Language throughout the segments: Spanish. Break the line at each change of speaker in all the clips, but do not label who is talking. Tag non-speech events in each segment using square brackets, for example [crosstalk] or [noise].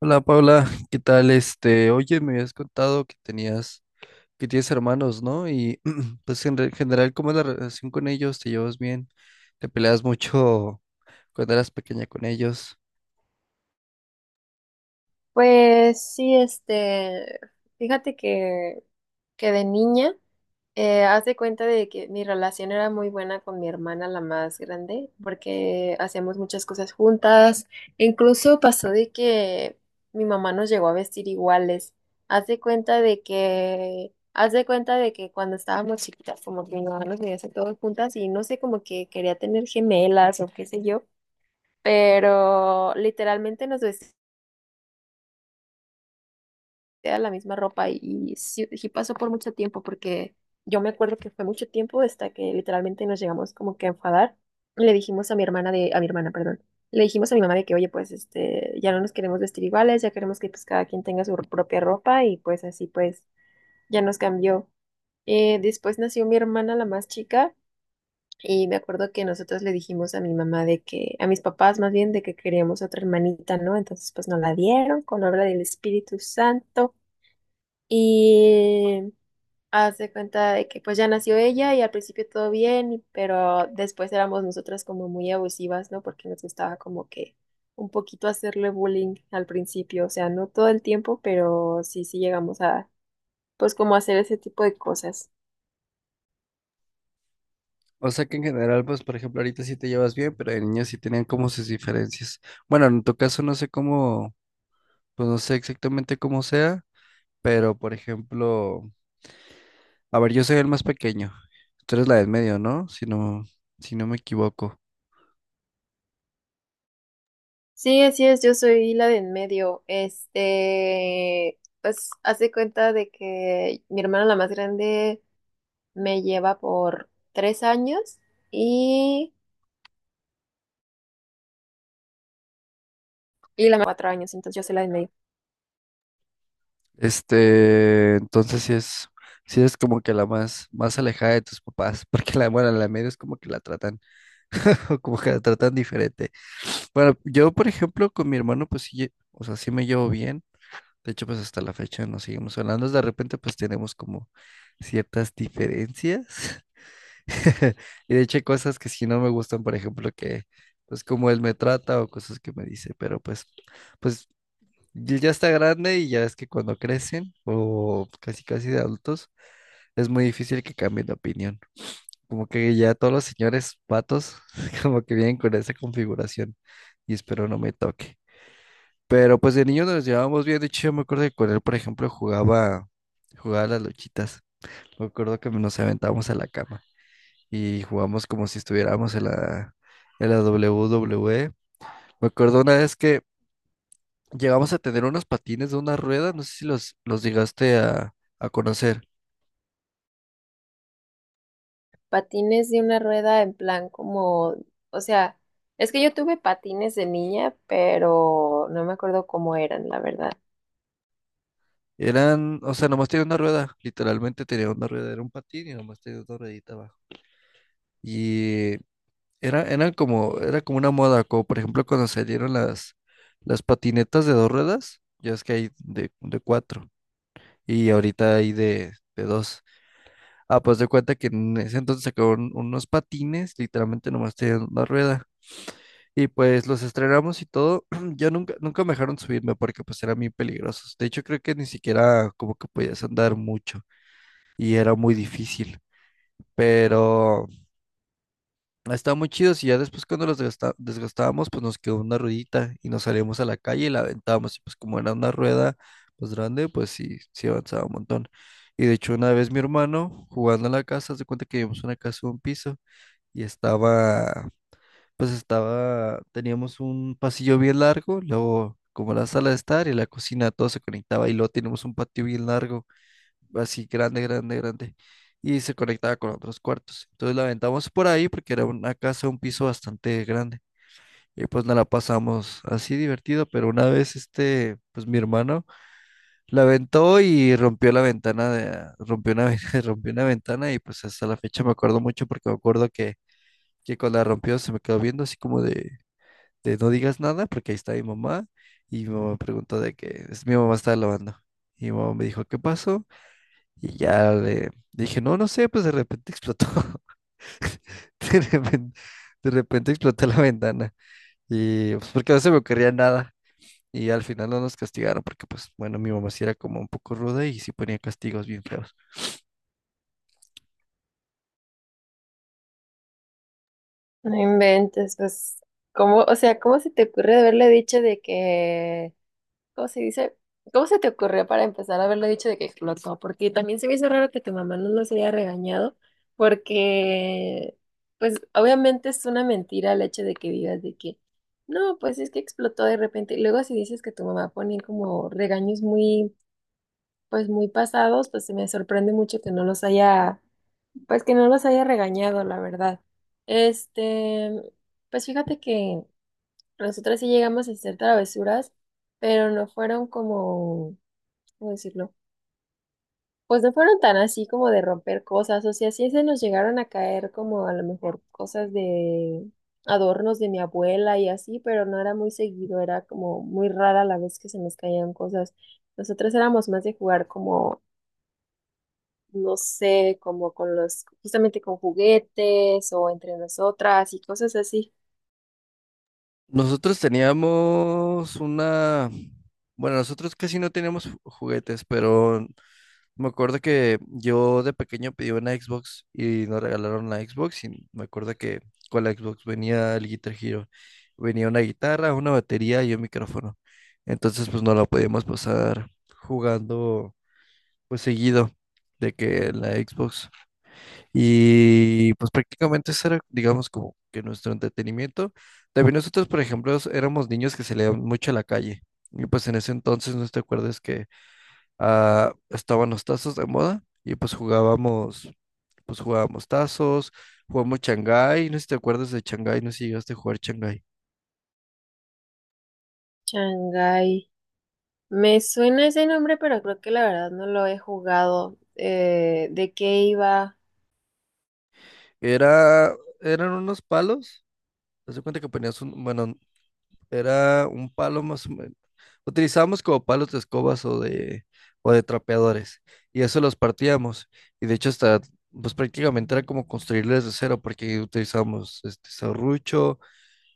Hola Paula, ¿qué tal? Oye, me habías contado que tenías, que tienes hermanos, ¿no? Y [clears throat] pues general, ¿cómo es la relación con ellos? ¿Te llevas bien? ¿Te peleas mucho [laughs] cuando eras pequeña con ellos?
Pues sí, fíjate que, que de niña, haz de cuenta de que mi relación era muy buena con mi hermana, la más grande, porque hacíamos muchas cosas juntas. Incluso pasó de que mi mamá nos llegó a vestir iguales. Haz de cuenta de que cuando estábamos chiquitas, como que mi mamá nos veía hacer todas juntas y no sé, como que quería tener gemelas o qué sé yo, pero literalmente nos vestimos. Era la misma ropa y, sí, sí pasó por mucho tiempo porque yo me acuerdo que fue mucho tiempo hasta que literalmente nos llegamos como que a enfadar. Le dijimos a mi hermana de, a mi hermana, perdón, le dijimos a mi mamá de que, oye, pues este, ya no nos queremos vestir iguales, ya queremos que pues cada quien tenga su propia ropa y pues así pues ya nos cambió. Después nació mi hermana, la más chica, y me acuerdo que nosotros le dijimos a mi mamá de que, a mis papás más bien, de que queríamos otra hermanita, ¿no? Entonces pues nos la dieron con obra del Espíritu Santo. Y hace cuenta de que pues ya nació ella y al principio todo bien, pero después éramos nosotras como muy abusivas, ¿no? Porque nos gustaba como que un poquito hacerle bullying al principio, o sea, no todo el tiempo, pero sí, sí llegamos a pues como hacer ese tipo de cosas.
O sea que en general, pues por ejemplo, ahorita sí te llevas bien, pero de niños sí tenían como sus diferencias. Bueno, en tu caso no sé cómo, pues no sé exactamente cómo sea, pero por ejemplo, a ver, yo soy el más pequeño. Tú eres la del medio, ¿no? Si no, si no me equivoco.
Sí, así es, yo soy la de en medio. Este, pues hace cuenta de que mi hermana la más grande me lleva por 3 años y, y la más 4 años, entonces yo soy la de en medio.
Entonces sí es como que la más, más alejada de tus papás, [laughs] porque la, bueno, la media es como que la tratan, [laughs] como que la tratan diferente. Bueno, yo, por ejemplo, con mi hermano, pues sí, o sea, sí me llevo bien. De hecho, pues hasta la fecha nos seguimos hablando. De repente, pues tenemos como ciertas diferencias. [laughs] Y de hecho, hay cosas que sí no me gustan, por ejemplo, que, pues como él me trata o cosas que me dice, pero pues, ya está grande y ya es que cuando crecen o casi casi de adultos es muy difícil que cambien de opinión. Como que ya todos los señores patos [laughs] como que vienen con esa configuración y espero no me toque. Pero pues de niño nos llevábamos bien. De hecho yo me acuerdo que con él, por ejemplo, jugaba a las luchitas. Me acuerdo que nos aventábamos a la cama y jugamos como si estuviéramos en la w WWE. Me acuerdo una vez que llegamos a tener unos patines de una rueda, no sé si los llegaste a conocer.
Patines de una rueda en plan como, o sea, es que yo tuve patines de niña, pero no me acuerdo cómo eran, la verdad.
Eran, o sea, nomás tenía una rueda, literalmente tenía una rueda, era un patín y nomás tenía una ruedita abajo. Y era, eran como, era como una moda, como por ejemplo cuando salieron las patinetas de dos ruedas, ya es que hay de cuatro y ahorita hay de dos. Ah, pues de cuenta que en ese entonces sacaron unos patines, literalmente nomás tenían una rueda. Y pues los estrenamos y todo. [clears throat] Yo nunca me dejaron subirme porque pues eran muy peligrosos. De hecho, creo que ni siquiera como que podías andar mucho y era muy difícil. Pero estaban muy chidos y ya después cuando los desgastábamos, pues nos quedó una ruedita y nos salíamos a la calle y la aventábamos. Y pues como era una rueda pues grande, pues sí, sí avanzaba un montón. Y de hecho una vez mi hermano jugando en la casa, se cuenta que vivimos en una casa de un piso y estaba, teníamos un pasillo bien largo, luego como la sala de estar y la cocina, todo se conectaba y luego teníamos un patio bien largo, así grande, grande, grande, y se conectaba con otros cuartos. Entonces la aventamos por ahí porque era una casa, un piso bastante grande. Y pues nos la pasamos así divertido, pero una vez pues mi hermano la aventó y rompió rompió [laughs] rompió una ventana y pues hasta la fecha me acuerdo mucho porque que cuando la rompió se me quedó viendo así como de no digas nada porque ahí está mi mamá. Y mi mamá preguntó de que es mi mamá estaba lavando. Y mi mamá me dijo, ¿qué pasó? Y ya le dije, no, no sé, pues de repente explotó. [laughs] De repente, de repente explotó la ventana. Y pues porque no se me ocurría nada. Y al final no nos castigaron porque pues bueno, mi mamá sí era como un poco ruda y sí ponía castigos bien feos.
No inventes, pues, o sea, ¿cómo se te ocurre haberle dicho de que... ¿Cómo se dice? ¿Cómo se te ocurrió para empezar a haberlo dicho de que explotó? Porque también se me hizo raro que tu mamá no nos haya regañado, porque, pues, obviamente es una mentira el hecho de que digas de que, no, pues es que explotó de repente. Y luego si dices que tu mamá ponía como regaños muy, pues, muy pasados, pues se me sorprende mucho que no los haya, pues, que no los haya regañado, la verdad. Este, pues fíjate que nosotras sí llegamos a hacer travesuras pero no fueron como... ¿Cómo decirlo? Pues no fueron tan así como de romper cosas, o sea, sí se nos llegaron a caer como a lo mejor cosas de adornos de mi abuela y así, pero no era muy seguido, era como muy rara la vez que se nos caían cosas. Nosotros éramos más de jugar como, no sé, justamente con juguetes o entre nosotras y cosas así.
Nosotros teníamos una... Bueno, nosotros casi no teníamos juguetes, pero me acuerdo que yo de pequeño pedí una Xbox y nos regalaron la Xbox y me acuerdo que con la Xbox venía el Guitar Hero, venía una guitarra, una batería y un micrófono. Entonces pues no la podíamos pasar jugando pues seguido de que en la Xbox. Y pues prácticamente eso era, digamos, como que nuestro entretenimiento. También nosotros, por ejemplo, éramos niños que salían mucho a la calle. Y pues en ese entonces, no te acuerdas que ah, estaban los tazos de moda y pues pues jugábamos tazos, jugamos Shanghái, no sé si te acuerdas de Shanghái, no sé si llegaste a jugar Shanghái.
Shanghai. Me suena ese nombre, pero creo que la verdad no lo he jugado. ¿De qué iba?
Era, eran unos palos, haz de cuenta que bueno, era un palo más o menos, utilizábamos como palos de escobas o de trapeadores y eso los partíamos y de hecho hasta... Pues prácticamente era como construirles de cero porque utilizábamos este serrucho,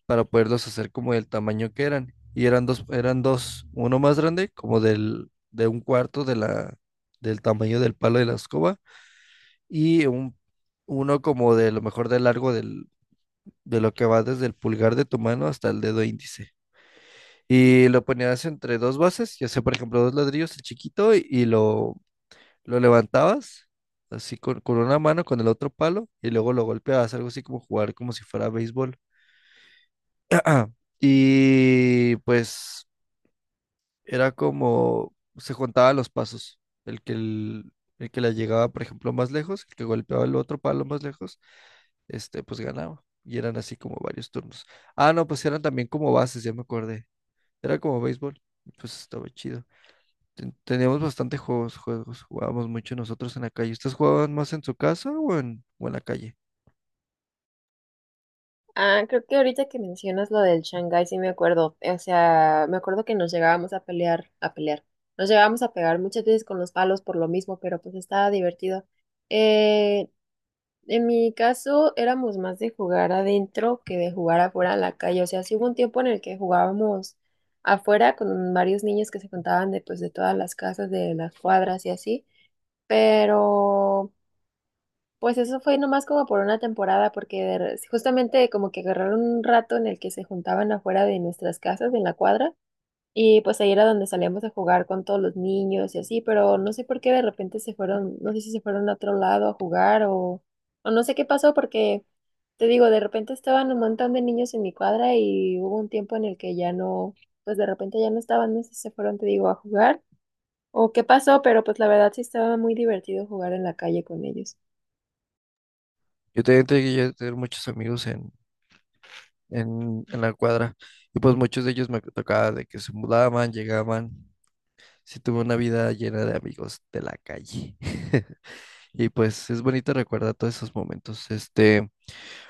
para poderlos hacer como del tamaño que eran. Y eran dos, uno más grande, de un cuarto de del tamaño del palo de la escoba, y un, uno como de lo mejor de largo de lo que va desde el pulgar de tu mano hasta el dedo índice. Y lo ponías entre dos bases, ya sea por ejemplo dos ladrillos, el chiquito, y lo levantabas así con una mano, con el otro palo, y luego lo golpeabas, algo así como jugar como si fuera béisbol. [clears throat] Y pues era como se juntaban los pasos. El que, el, el que la llegaba, por ejemplo, más lejos, el que golpeaba el otro palo más lejos, pues ganaba. Y eran así como varios turnos. Ah, no, pues eran también como bases, ya me acordé. Era como béisbol. Y pues estaba chido. Teníamos bastante juegos. Jugábamos mucho nosotros en la calle. ¿Ustedes jugaban más en su casa o en la calle?
Ah, creo que ahorita que mencionas lo del Shanghái, sí me acuerdo. O sea, me acuerdo que nos llegábamos a pelear. Nos llegábamos a pegar muchas veces con los palos por lo mismo, pero pues estaba divertido. Eh, en mi caso, éramos más de jugar adentro que de jugar afuera en la calle. O sea, sí hubo un tiempo en el que jugábamos afuera con varios niños que se juntaban de, pues, de todas las casas, de las cuadras y así. Pero. Pues eso fue nomás como por una temporada, porque justamente como que agarraron un rato en el que se juntaban afuera de nuestras casas, en la cuadra, y pues ahí era donde salíamos a jugar con todos los niños y así, pero no sé por qué de repente se fueron, no sé si se fueron a otro lado a jugar o no sé qué pasó, porque te digo, de repente estaban un montón de niños en mi cuadra y hubo un tiempo en el que ya no, pues de repente ya no estaban, no sé si se fueron, te digo, a jugar o qué pasó, pero pues la verdad sí estaba muy divertido jugar en la calle con ellos.
Yo también llegué a tener muchos amigos en la cuadra. Y pues muchos de ellos me tocaba de que se mudaban, llegaban. Sí tuve una vida llena de amigos de la calle. [laughs] Y pues es bonito recordar todos esos momentos.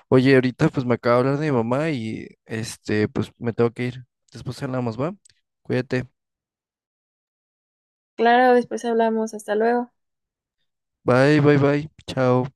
Oye, ahorita pues me acaba de hablar de mi mamá y pues me tengo que ir. Después hablamos, ¿va? Cuídate.
Claro, después hablamos. Hasta luego.
Bye, bye, bye. Chao.